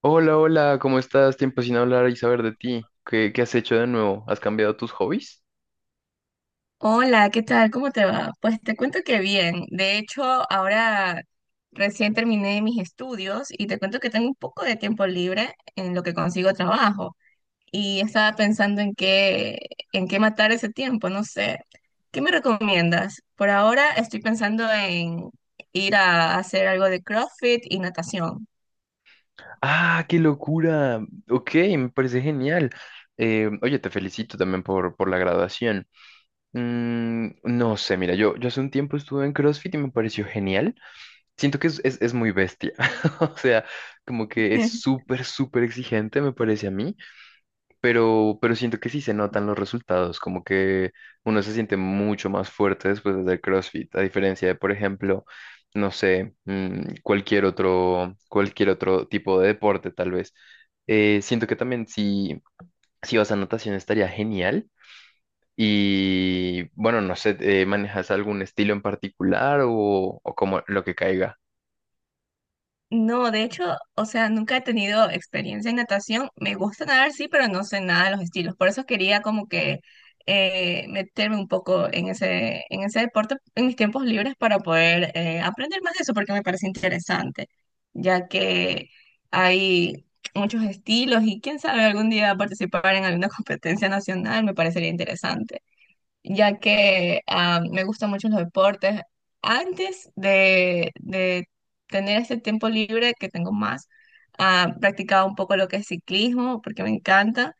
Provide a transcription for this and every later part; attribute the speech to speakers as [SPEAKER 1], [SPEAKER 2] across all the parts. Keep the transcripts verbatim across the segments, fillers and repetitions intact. [SPEAKER 1] Hola, hola, ¿cómo estás? Tiempo sin hablar y saber de ti. ¿Qué, qué has hecho de nuevo? ¿Has cambiado tus hobbies?
[SPEAKER 2] Hola, ¿qué tal? ¿Cómo te va? Pues te cuento que bien. De hecho, ahora recién terminé mis estudios y te cuento que tengo un poco de tiempo libre en lo que consigo trabajo y estaba pensando en qué, en qué matar ese tiempo, no sé. ¿Qué me recomiendas? Por ahora estoy pensando en ir a hacer algo de CrossFit y natación.
[SPEAKER 1] ¡Ah, qué locura! Ok, me parece genial. Eh, oye, te felicito también por, por la graduación. Mm, no sé, mira, yo, yo hace un tiempo estuve en CrossFit y me pareció genial. Siento que es, es, es muy bestia. O sea, como que es súper, súper exigente, me parece a mí. pero, pero siento que sí se notan los resultados, como que uno se siente mucho más fuerte después de hacer CrossFit, a diferencia de, por ejemplo, no sé, mm, cualquier otro, cualquier otro tipo de deporte, tal vez. Eh, siento que también si, si vas a natación estaría genial. Y bueno, no sé, eh, ¿manejas algún estilo en particular o, o como lo que caiga?
[SPEAKER 2] No, de hecho, o sea, nunca he tenido experiencia en natación. Me gusta nadar, sí, pero no sé nada de los estilos. Por eso quería como que eh, meterme un poco en ese, en ese deporte en mis tiempos libres para poder eh, aprender más de eso, porque me parece interesante, ya que hay muchos estilos y quién sabe, algún día participar en alguna competencia nacional me parecería interesante ya que ah, me gustan mucho los deportes. Antes de, de tener este tiempo libre que tengo más, ah, practicaba un poco lo que es ciclismo, porque me encanta.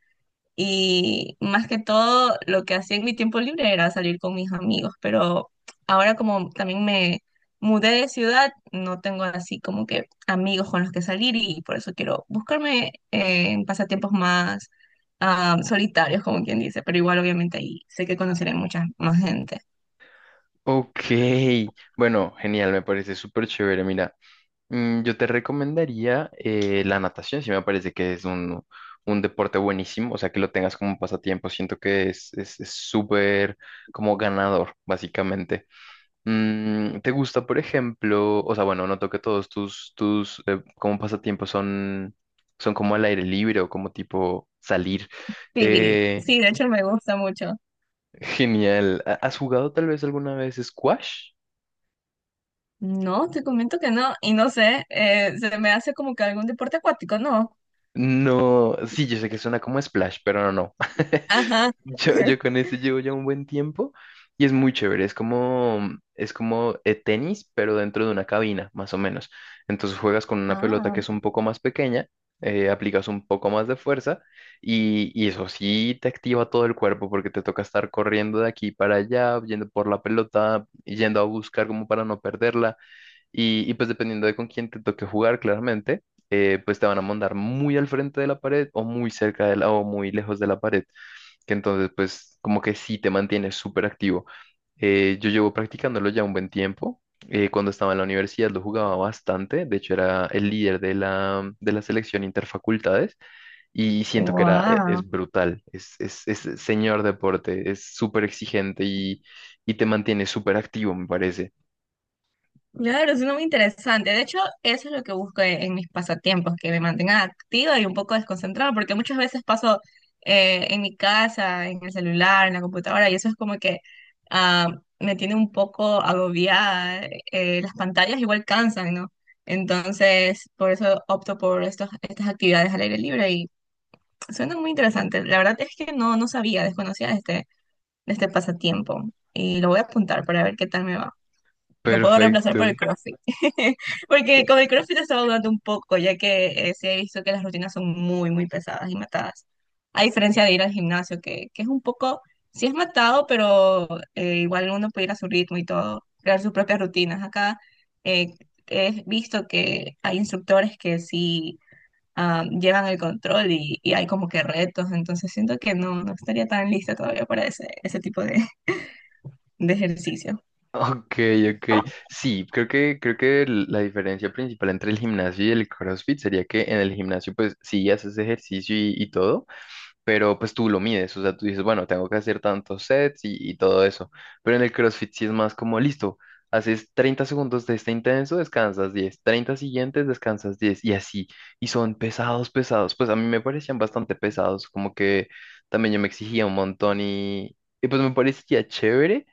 [SPEAKER 2] Y más que todo, lo que hacía en mi tiempo libre era salir con mis amigos, pero ahora como también me mudé de ciudad, no tengo así como que amigos con los que salir y por eso quiero buscarme eh, en pasatiempos más ah, solitarios, como quien dice, pero igual obviamente ahí sé que conoceré mucha más gente.
[SPEAKER 1] Ok, bueno, genial, me parece súper chévere, mira. Mm, Yo te recomendaría eh, la natación, si me parece que es un, un deporte buenísimo, o sea, que lo tengas como un pasatiempo, siento que es es- es súper como ganador, básicamente. Mm, ¿te gusta, por ejemplo, o sea, bueno, noto que todos tus, tus eh, como pasatiempos son, son como al aire libre o como tipo salir?
[SPEAKER 2] Sí,
[SPEAKER 1] Eh,
[SPEAKER 2] sí, de hecho me gusta mucho.
[SPEAKER 1] Genial. ¿Ha- ¿Has jugado tal vez alguna vez squash?
[SPEAKER 2] No, te comento que no, y no sé, eh, se me hace como que algún deporte acuático, ¿no?
[SPEAKER 1] No, sí, yo sé que suena como splash, pero no, no.
[SPEAKER 2] Ajá.
[SPEAKER 1] Yo, yo con ese llevo ya un buen tiempo y es muy chévere. Es como, es como eh, tenis, pero dentro de una cabina, más o menos. Entonces juegas con una pelota
[SPEAKER 2] Ah,
[SPEAKER 1] que es un poco más pequeña, eh, aplicas un poco más de fuerza y, y eso sí te activa todo el cuerpo porque te toca estar corriendo de aquí para allá, yendo por la pelota, yendo a buscar como para no perderla. Y, y pues dependiendo de con quién te toque jugar, claramente, eh, pues te van a mandar muy al frente de la pared o muy cerca de la o muy lejos de la pared que entonces pues como que sí te mantiene súper activo. Eh, yo llevo practicándolo ya un buen tiempo. Eh, cuando estaba en la universidad lo jugaba bastante, de hecho era el líder de la, de la selección interfacultades y siento que era, e-
[SPEAKER 2] wow.
[SPEAKER 1] es brutal, es, es, es señor deporte, es súper exigente y, y te mantiene súper activo, me parece.
[SPEAKER 2] Claro, suena muy interesante. De hecho, eso es lo que busco en, en mis pasatiempos, que me mantengan activa y un poco desconcentrada, porque muchas veces paso eh, en mi casa, en el celular, en la computadora, y eso es como que ah, me tiene un poco agobiada. Eh, las pantallas igual cansan, ¿no? Entonces, por eso opto por estos, estas actividades al aire libre y suena muy interesante. La verdad es que no, no sabía, desconocía de este, de este pasatiempo y lo voy a apuntar para ver qué tal me va. Lo puedo reemplazar por el
[SPEAKER 1] Perfecto.
[SPEAKER 2] CrossFit. Porque con el CrossFit he estado dudando un poco, ya que eh, sí he visto que las rutinas son muy, muy pesadas y matadas. A diferencia de ir al gimnasio, que, que es un poco, sí es matado, pero eh, igual uno puede ir a su ritmo y todo, crear sus propias rutinas. Acá eh, he visto que hay instructores que sí ah, llevan el control y, y hay como que retos, entonces siento que no, no estaría tan lista todavía para ese, ese tipo de, de ejercicio.
[SPEAKER 1] Ok, ok. Sí, creo que, creo que l- la diferencia principal entre el gimnasio y el CrossFit sería que en el gimnasio, pues sí haces ejercicio y, y todo, pero pues tú lo mides. O sea, tú dices, bueno, tengo que hacer tantos sets y, y todo eso. Pero en el CrossFit sí es más como, listo, haces treinta segundos de este intenso, descansas diez, treinta siguientes, descansas diez y así. Y son pesados, pesados. Pues a mí me parecían bastante pesados, como que también yo me exigía un montón y, y pues me parecía chévere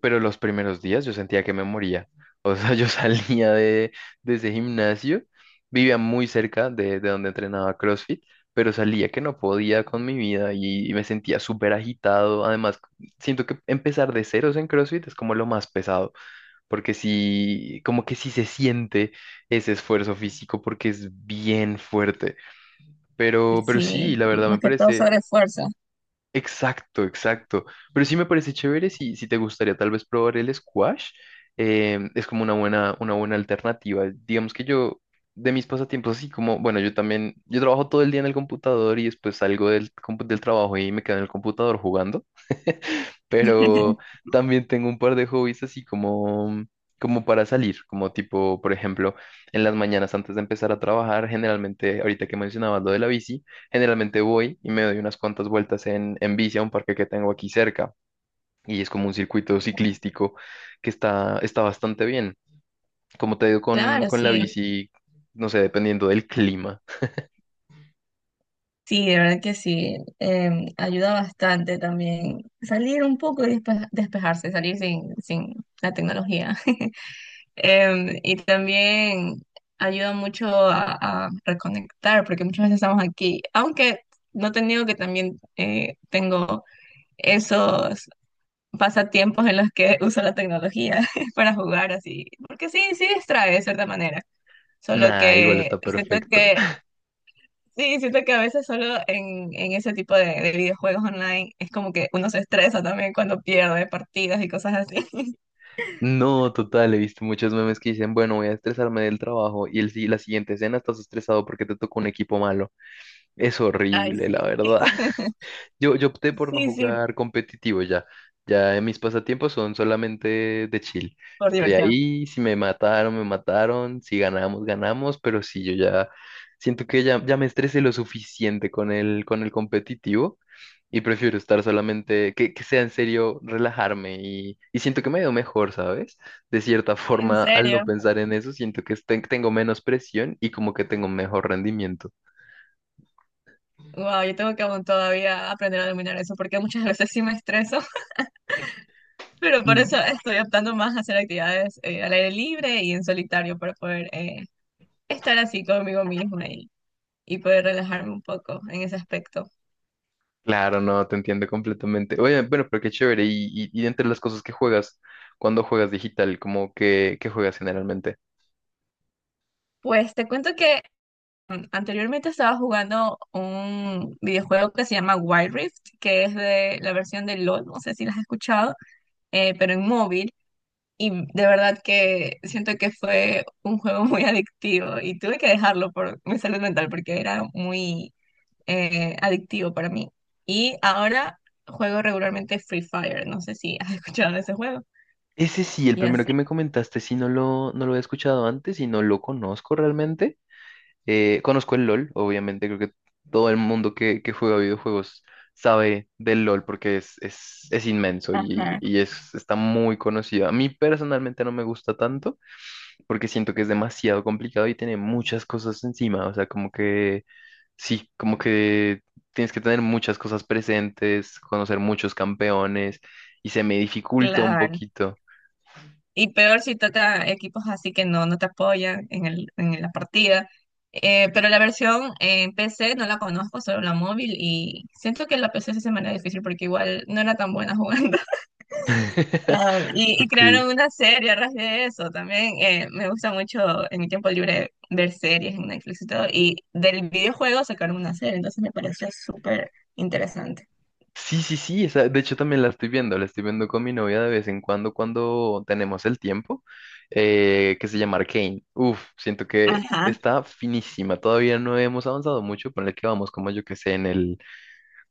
[SPEAKER 1] pero los primeros días yo sentía que me moría. O sea, yo salía de, de ese gimnasio, vivía muy cerca de, de donde entrenaba CrossFit, pero salía que no podía con mi vida y, y me sentía súper agitado. Además, siento que empezar de ceros en CrossFit es como lo más pesado, porque sí, como que sí se siente ese esfuerzo físico porque es bien fuerte. Pero, pero sí,
[SPEAKER 2] Sí,
[SPEAKER 1] la verdad me
[SPEAKER 2] más que todo
[SPEAKER 1] parece...
[SPEAKER 2] sobre esfuerzo.
[SPEAKER 1] Exacto, exacto. Pero sí me parece chévere si, si te gustaría tal vez probar el squash. Em, es como una buena, una buena alternativa. Digamos que yo, de mis pasatiempos, así como, bueno, yo también, yo trabajo todo el día en el computador y después salgo del, compu- del trabajo y me quedo en el computador jugando. Pero también tengo un par de hobbies así como, como para salir, como tipo, por ejemplo, en las mañanas antes de empezar a trabajar, generalmente, ahorita que mencionabas lo de la bici. Generalmente voy y me doy unas cuantas vueltas en, en bici a un parque que tengo aquí cerca y es como un circuito ciclístico que está, está bastante bien. Como te digo con,
[SPEAKER 2] Claro,
[SPEAKER 1] con la
[SPEAKER 2] sí,
[SPEAKER 1] bici, no sé, dependiendo del clima.
[SPEAKER 2] sí, de verdad que sí. Em, ayuda bastante también salir un poco y despe- despejarse, salir sin, sin la tecnología. Em, y también ayuda mucho a, a reconectar, porque muchas veces estamos aquí, aunque no te niego que también eh, tengo esos pasatiempos en los que uso la tecnología para jugar así, porque sí, sí distrae de cierta manera. Solo
[SPEAKER 1] Nah, igual
[SPEAKER 2] que
[SPEAKER 1] está
[SPEAKER 2] siento
[SPEAKER 1] perfecto.
[SPEAKER 2] que sí, siento que a veces solo en, en ese tipo de, de videojuegos online es como que uno se estresa también cuando pierde partidas y cosas así.
[SPEAKER 1] No, total, he visto muchos memes que dicen, bueno, voy a estresarme del trabajo y el, si- la siguiente escena estás estresado porque te tocó un equipo malo. Es
[SPEAKER 2] Ay,
[SPEAKER 1] horrible,
[SPEAKER 2] sí.
[SPEAKER 1] la verdad. Yo, yo opté por no
[SPEAKER 2] Sí, sí,
[SPEAKER 1] jugar competitivo ya. Ya mis pasatiempos son solamente de chill.
[SPEAKER 2] por
[SPEAKER 1] Estoy
[SPEAKER 2] diversión.
[SPEAKER 1] ahí, si me mataron, me mataron, si ganamos, ganamos, pero si yo ya siento que ya, ya me estresé lo suficiente con el, con el competitivo y prefiero estar solamente, que, que sea en serio, relajarme y, y siento que me veo mejor, ¿sabes? De cierta
[SPEAKER 2] En
[SPEAKER 1] forma, al no
[SPEAKER 2] serio.
[SPEAKER 1] pensar en eso, siento que este- tengo menos presión y como que tengo un mejor rendimiento.
[SPEAKER 2] Wow, yo tengo que aún todavía aprender a dominar eso porque muchas veces sí me estreso, pero por eso estoy optando más a hacer actividades eh, al aire libre y en solitario para poder eh, estar así conmigo misma y, y poder relajarme un poco en ese aspecto.
[SPEAKER 1] Claro, no, te entiendo completamente. Oye, bueno, pero qué chévere. Y, y, y entre las cosas que juegas, cuando juegas digital, como que, ¿qué juegas generalmente?
[SPEAKER 2] Pues te cuento que anteriormente estaba jugando un videojuego que se llama Wild Rift, que es de la versión de LOL, no sé si la has escuchado, eh, pero en móvil. Y de verdad que siento que fue un juego muy adictivo y tuve que dejarlo por mi salud mental porque era muy eh, adictivo para mí. Y ahora juego regularmente Free Fire, no sé si has escuchado de ese juego.
[SPEAKER 1] Ese sí, el
[SPEAKER 2] Y
[SPEAKER 1] primero
[SPEAKER 2] así.
[SPEAKER 1] que me comentaste, sí, no lo, no lo había escuchado antes y no lo conozco realmente. Eh, conozco el LOL, obviamente, creo que todo el mundo que, que juega videojuegos sabe del LOL porque es, es, es inmenso y,
[SPEAKER 2] Ajá.
[SPEAKER 1] y es, está muy conocido. A mí personalmente no me gusta tanto. Porque siento que es demasiado complicado y tiene muchas cosas encima, o sea, como que sí, como que tienes que tener muchas cosas presentes, conocer muchos campeones y se me dificulta un
[SPEAKER 2] Claro.
[SPEAKER 1] poquito.
[SPEAKER 2] Y peor si toca equipos así que no, no te apoyan en el, en la partida. Eh, pero la versión en P C no la conozco, solo la móvil. Y siento que la P C se me era difícil porque igual no era tan buena jugando. Ah, y, y
[SPEAKER 1] Ok.
[SPEAKER 2] crearon una serie a raíz de eso también. Eh, me gusta mucho en mi tiempo libre ver series en Netflix y todo. Y del videojuego sacaron una serie, entonces me pareció súper interesante.
[SPEAKER 1] Sí, sí, sí, esa, de hecho también la estoy viendo, la estoy viendo con mi novia de vez en cuando cuando tenemos el tiempo, eh, que se llama Arcane. Uf, siento que
[SPEAKER 2] Ajá.
[SPEAKER 1] está finísima, todavía no hemos avanzado mucho, ponle que vamos como yo que sé en el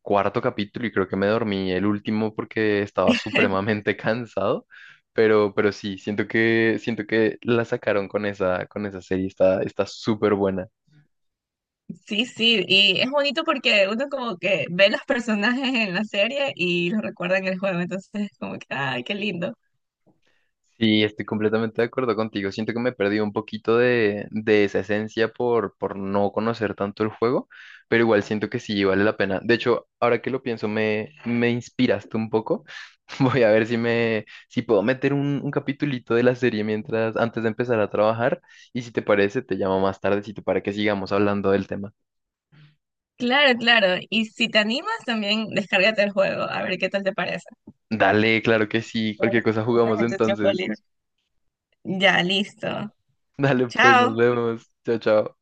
[SPEAKER 1] cuarto capítulo y creo que me dormí el último porque estaba supremamente cansado, pero, pero sí, siento que, siento que la sacaron con esa, con esa serie, está, está súper buena.
[SPEAKER 2] Sí, sí, y es bonito porque uno como que ve los personajes en la serie y los recuerda en el juego, entonces es como que, ay, qué lindo.
[SPEAKER 1] Sí, estoy completamente de acuerdo contigo. Siento que me perdí un poquito de, de esa esencia por, por no conocer tanto el juego, pero igual siento que sí vale la pena. De hecho, ahora que lo pienso, me, me inspiraste un poco. Voy a ver si me, si puedo meter un, un capitulito de la serie mientras, antes de empezar a trabajar. Y si te parece, te llamo más tardecito para que sigamos hablando del tema.
[SPEAKER 2] Claro, claro, y si te animas también descárgate el juego, a ver qué tal te parece.
[SPEAKER 1] Dale, claro que sí. Cualquier cosa
[SPEAKER 2] Entonces,
[SPEAKER 1] jugamos
[SPEAKER 2] en tu tiempo
[SPEAKER 1] entonces.
[SPEAKER 2] libre. Ya, listo.
[SPEAKER 1] Dale, pues, nos
[SPEAKER 2] Chao.
[SPEAKER 1] vemos. Chao, chao.